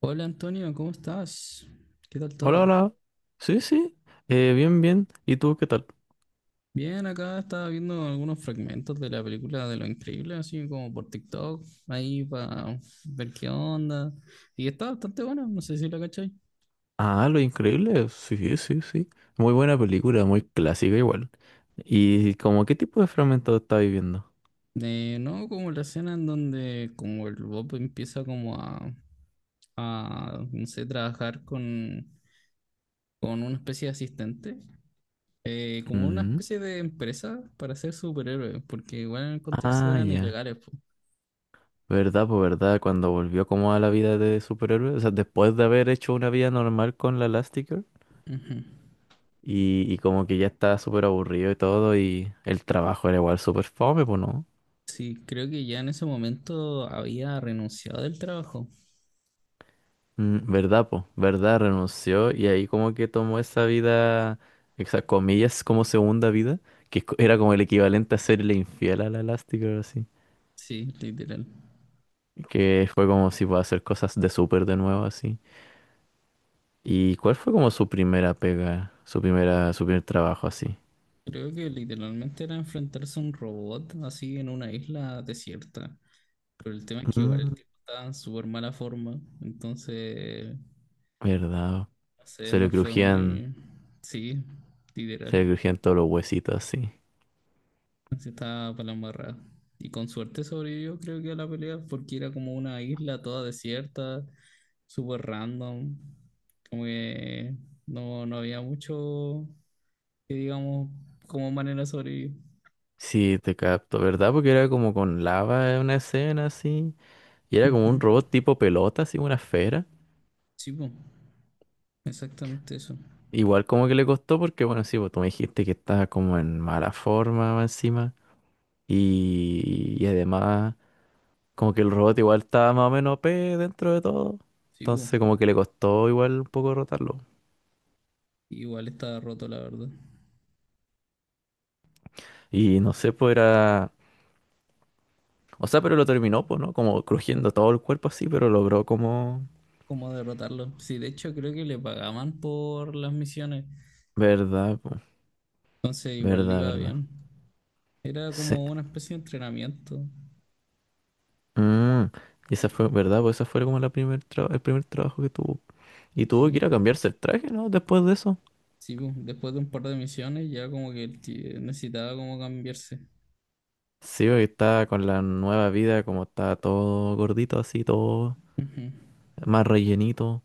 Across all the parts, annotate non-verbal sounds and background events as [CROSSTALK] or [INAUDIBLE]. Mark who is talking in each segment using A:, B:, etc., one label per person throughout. A: Hola Antonio, ¿cómo estás? ¿Qué tal
B: Hola,
A: todo?
B: hola. Sí, sí. Bien, bien. ¿Y tú qué tal?
A: Bien, acá estaba viendo algunos fragmentos de la película de Lo Increíble, así como por TikTok, ahí para ver qué onda. Y está bastante buena, no sé si la cachai.
B: Ah, Lo Increíble. Sí, sí, sí. Muy buena película, muy clásica igual. ¿Y como qué tipo de fragmento está viviendo?
A: De, no, como la escena en donde como el Bob empieza como a no sé, trabajar con una especie de asistente, como una
B: Mm.
A: especie de empresa para ser superhéroe, porque igual en el contexto
B: Ah,
A: eran
B: ya.
A: ilegales,
B: ¿Verdad? Pues verdad, cuando volvió como a la vida de superhéroe, o sea, después de haber hecho una vida normal con la Elastigirl
A: pues.
B: y como que ya estaba súper aburrido y todo y el trabajo era igual súper fome, pues no.
A: Sí, creo que ya en ese momento había renunciado del trabajo.
B: Mm. ¿Verdad, po? ¿Verdad? Renunció y ahí como que tomó esa vida, esas comillas, como segunda vida, que era como el equivalente a serle infiel a la Elastigirl, así.
A: Sí, literal.
B: Que fue como si puede hacer cosas de súper de nuevo, así. ¿Y cuál fue como su primera pega, su primera, su primer trabajo, así?
A: Creo que literalmente era enfrentarse a un robot así en una isla desierta. Pero el tema es que igual el
B: Mm,
A: tipo estaba en súper mala forma. Entonces,
B: ¿verdad?
A: no sé,
B: Se
A: no
B: le
A: fue
B: crujían,
A: muy... Sí,
B: se
A: literal.
B: le crujían todos los huesitos, así.
A: Se estaba para la embarrada. Y con suerte sobrevivió, creo que a la pelea, porque era como una isla toda desierta, súper random. Como que no había mucho que digamos como manera de sobrevivir.
B: Sí, te capto, ¿verdad? Porque era como con lava en una escena, así. Y era como
A: Ujú.
B: un robot tipo pelota, así, una esfera.
A: Sí, po, exactamente eso.
B: Igual como que le costó porque, bueno, sí, pues tú me dijiste que estaba como en mala forma más encima y además como que el robot igual estaba más o menos OP dentro de todo.
A: Sí, po.
B: Entonces como que le costó igual un poco rotarlo.
A: Igual estaba roto, la verdad.
B: Y no sé, pues era... O sea, pero lo terminó, pues, ¿no? Como crujiendo todo el cuerpo así, pero logró como...
A: ¿Cómo derrotarlo? Sí, de hecho creo que le pagaban por las misiones.
B: Verdad, pues.
A: Entonces igual le
B: Verdad,
A: iba
B: verdad.
A: bien. Era
B: Sí.
A: como una especie de entrenamiento.
B: Mm. Y esa fue,
A: Sí.
B: ¿verdad? Pues esa fue como el primer trabajo que tuvo. Y tuvo que
A: Sí.
B: ir a cambiarse el traje, ¿no? Después de eso.
A: Sí, pues, después de un par de misiones ya como que el ti- necesitaba como cambiarse.
B: Sí, porque está con la nueva vida, como está todo gordito así, todo
A: Ujú.
B: más rellenito,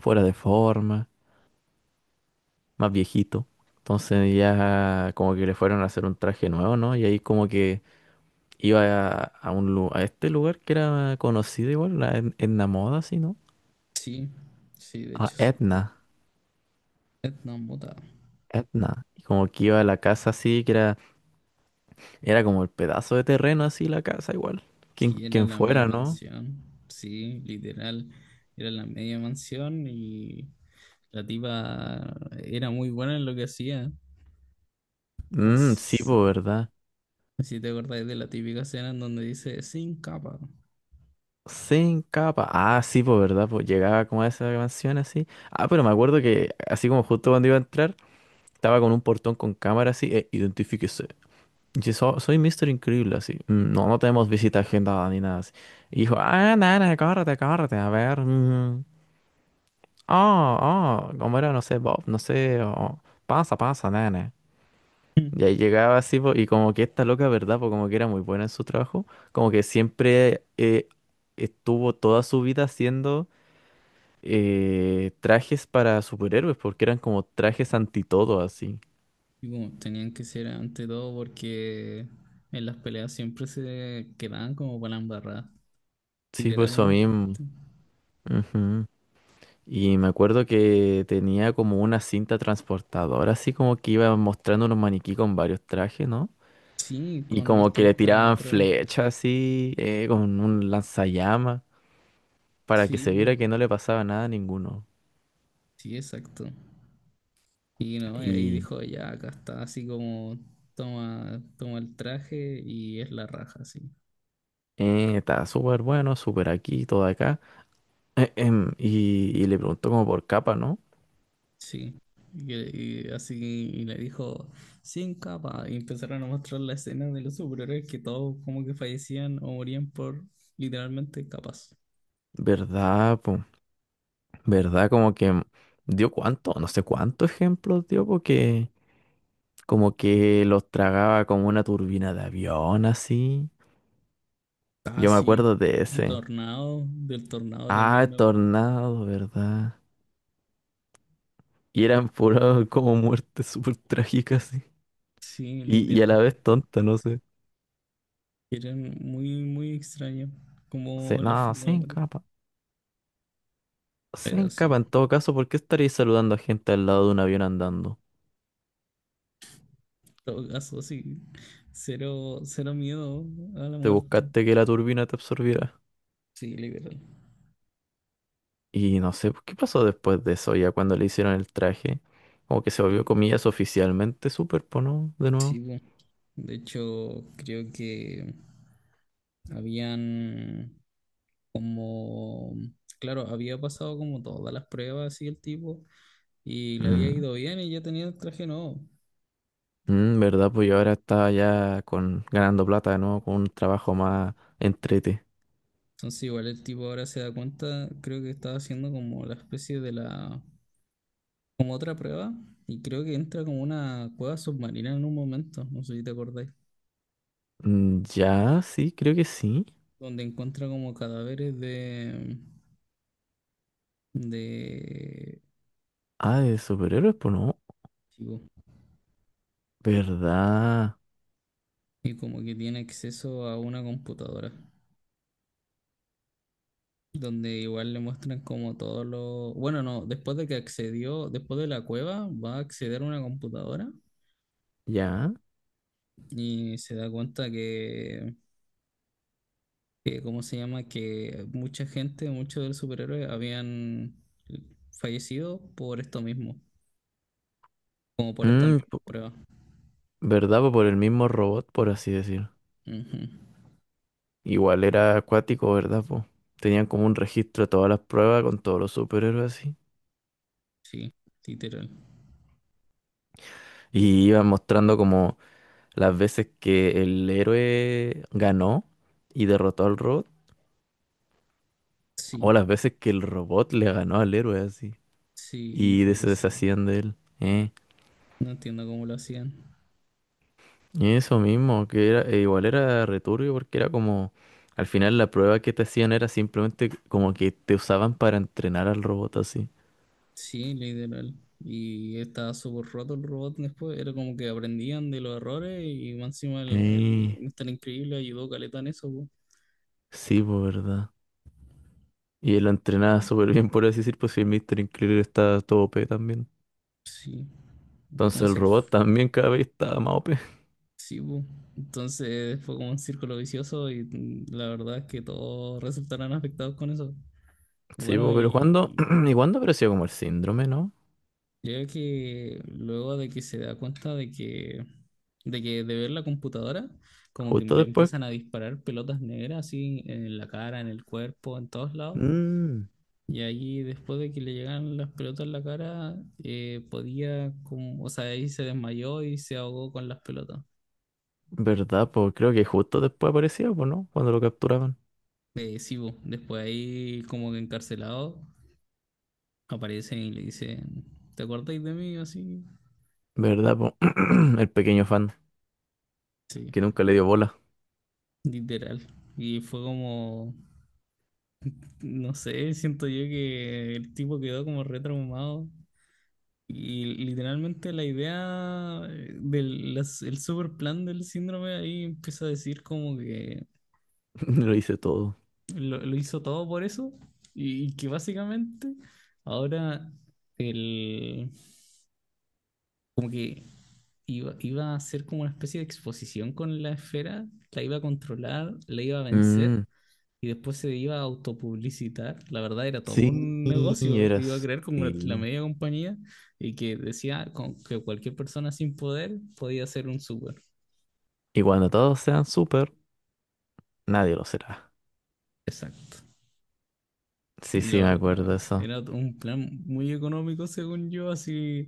B: fuera de forma, más viejito. Entonces ya como que le fueron a hacer un traje nuevo, ¿no? Y ahí como que iba a a este lugar que era conocido igual, Edna Moda, así, ¿no?
A: Sí, sí, de
B: A
A: hecho sí.
B: Edna,
A: Vietnam botado.
B: Edna. Y como que iba a la casa así, que era, era como el pedazo de terreno así, la casa igual. Quien,
A: Sí, era
B: quien
A: la media
B: fuera, ¿no?
A: mansión. Sí, literal. Era la media mansión y la tipa era muy buena en lo que hacía. No
B: Mm, sí,
A: sé
B: pues, ¿verdad?
A: si te acordáis de la típica escena en donde dice sin capa.
B: Sin capa. Ah, sí, pues verdad, pues llegaba como a esa canción así. Ah, pero me acuerdo que así como justo cuando iba a entrar, estaba con un portón con cámara así, identifíquese. Y soy Mister Increíble, así. "Mm, no, no tenemos visita agendada ni nada así". Y dijo, ah, nana, córrete, córrete, a ver. Mm, oh, oh, como era, no sé, Bob, no sé, oh, pasa, pasa, nana.
A: Mm.
B: Y ahí llegaba así, po, y como que esta loca, ¿verdad? Pues como que era muy buena en su trabajo, como que siempre estuvo toda su vida haciendo trajes para superhéroes, porque eran como trajes anti todo, así.
A: Y bueno, tenían que ser ante todo porque en las peleas siempre se quedaban como para la embarrada,
B: Sí, pues eso
A: literalmente.
B: mismo. Ujú. Y me acuerdo que tenía como una cinta transportadora, así como que iba mostrando unos maniquí con varios trajes, ¿no?
A: Sí,
B: Y
A: con
B: como que le
A: distintas
B: tiraban
A: pruebas.
B: flechas así, con un lanzallamas, para que se
A: Sí,
B: viera que no le pasaba nada a ninguno.
A: sí, exacto. Y no, y ahí
B: Y
A: dijo, ya, acá está, así como toma, toma el traje y es la raja, sí.
B: estaba súper bueno, súper aquí, todo acá. [CLEARS THROAT] Y le preguntó como por capa, ¿no?
A: Sí. Y así y le dijo, sin capa. Y empezaron a mostrar la escena de los superhéroes que todos como que fallecían o morían por literalmente capas.
B: ¿Verdad? ¿Verdad? Como que dio cuánto, no sé cuántos ejemplos dio, porque como que los tragaba como una turbina de avión, así.
A: Ah,
B: Yo me
A: sí.
B: acuerdo de
A: Un
B: ese.
A: tornado, del tornado
B: Ah,
A: también me acuerdo.
B: tornado, ¿verdad? Y eran puras como muertes súper trágicas, sí.
A: Sí,
B: Y a la vez
A: literalmente.
B: tonta, no sé.
A: Era muy, muy extraño
B: Se,
A: como la
B: no,
A: forma
B: se
A: de morir.
B: encapa. Se
A: Pero sí,
B: encapa en
A: en
B: todo caso, ¿por qué estarías saludando a gente al lado de un avión andando?
A: todo caso, sí. Cero, cero miedo a la
B: ¿Te
A: muerte.
B: buscaste que la turbina te absorbiera?
A: Sí, liberal.
B: Y no sé pues, qué pasó después de eso, ya cuando le hicieron el traje. Como que se
A: Eh,
B: volvió, comillas, oficialmente súper, pues, ¿no? De
A: sí,
B: nuevo.
A: bueno. De hecho, creo que habían como, claro, había pasado como todas las pruebas y el tipo, y le había
B: Mm.
A: ido bien y ya tenía el traje nuevo.
B: Mm, ¿verdad? Pues yo ahora estaba ya con, ganando plata, ¿no? Con un trabajo más entrete.
A: Entonces igual el tipo ahora se da cuenta, creo que estaba haciendo como la especie de la como otra prueba y creo que entra como una cueva submarina en un momento, no sé si te acordáis,
B: Mm, ya, sí, creo que sí.
A: donde encuentra como cadáveres de
B: Ah, de superhéroes, pues no.
A: chivo
B: ¿Verdad?
A: y como que tiene acceso a una computadora, donde igual le muestran como todos los... Bueno, no, después de que accedió, después de la cueva, va a acceder a una computadora
B: Ya.
A: y se da cuenta que ¿cómo se llama? Que mucha gente, muchos de los superhéroes habían fallecido por esto mismo como por estas
B: Mm,
A: mismas
B: po-
A: pruebas.
B: ¿Verdad? Pues por el mismo robot, por así decir.
A: Ujú.
B: Igual era acuático, ¿verdad? Pues tenían como un registro de todas las pruebas con todos los superhéroes así.
A: Sí, literal.
B: Y iban mostrando como las veces que el héroe ganó y derrotó al robot,
A: Sí,
B: o las veces que el robot le ganó al héroe así
A: sí, y
B: y se
A: fallecieron.
B: deshacían de él.
A: No entiendo cómo lo hacían.
B: Y eso mismo, que era, e igual era returbio porque era como, al final la prueba que te hacían era simplemente como que te usaban para entrenar al robot así.
A: Sí, literal. Y estaba súper roto el robot después. Era como que aprendían de los errores y más encima el
B: Eh,
A: Mr. Increíble ayudó caleta en eso, po.
B: sí, pues verdad. Y él lo entrenaba súper bien, por así decir, pues si el Mr. Increíble estaba todo OP también.
A: Sí.
B: Entonces el
A: Entonces, el
B: robot
A: f-
B: también cada vez estaba más OP.
A: sí, po. Entonces fue como un círculo vicioso y la verdad es que todos resultaron afectados con eso.
B: Sí,
A: Bueno,
B: po, pero ¿cuándo?
A: y
B: [CLEARS THROAT] ¿Y cuándo apareció como el síndrome, no?
A: creo que luego de que se da cuenta de que, de que de ver la computadora, como que
B: Justo
A: le
B: después.
A: empiezan a disparar pelotas negras así en la cara, en el cuerpo, en todos lados.
B: Mm,
A: Y ahí después de que le llegan las pelotas en la cara, podía como, o sea, ahí se desmayó y se ahogó con las pelotas.
B: ¿verdad, pues? Creo que justo después aparecía, pues, ¿no? Cuando lo capturaban.
A: Sí, bo, después ahí como que encarcelado, aparecen y le dicen, ¿te acordáis de mí? Así,
B: ¿Verdad, pues? [CLEARS THROAT] El pequeño fan
A: sí,
B: que nunca le dio bola.
A: literal. Y fue como... No sé, siento yo que el tipo quedó como retraumado. Y literalmente la idea del las- el super plan del síndrome ahí empieza a decir como que
B: [LAUGHS] Lo hice todo.
A: lo hizo todo por eso y que básicamente ahora el, como que iba a ser como una especie de exposición con la esfera, la iba a controlar, la iba a vencer
B: Mm,
A: y después se iba a autopublicitar. La verdad era todo
B: sí,
A: un negocio. Iba a
B: eras.
A: crear como la
B: Sí.
A: media compañía y que decía con- que cualquier persona sin poder podía ser un súper.
B: Y cuando todos sean súper, nadie lo será.
A: Exacto.
B: Sí,
A: Y la
B: sí, me acuerdo de
A: verdad,
B: eso.
A: era un plan muy económico según yo, así.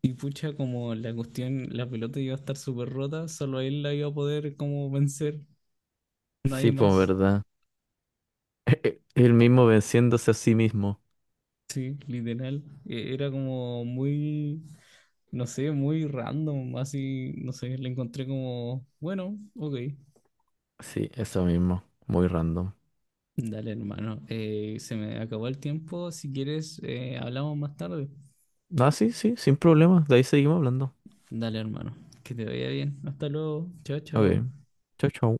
A: Y pucha, como la cuestión, la pelota iba a estar súper rota, solo él la iba a poder como vencer,
B: Sí,
A: nadie
B: pues,
A: más.
B: ¿verdad? [LAUGHS] Él mismo venciéndose a sí mismo.
A: Sí, literal. E- Era como muy, no sé, muy random, así, no sé, le encontré como, bueno, ok.
B: Sí, eso mismo. Muy random.
A: Dale, hermano. Se me acabó el tiempo. Si quieres, hablamos más tarde.
B: Ah, sí, sí, sin problema. De ahí seguimos hablando.
A: Dale, hermano. Que te vaya bien. Hasta luego. Chao, chao.
B: Ok. Chau, chau.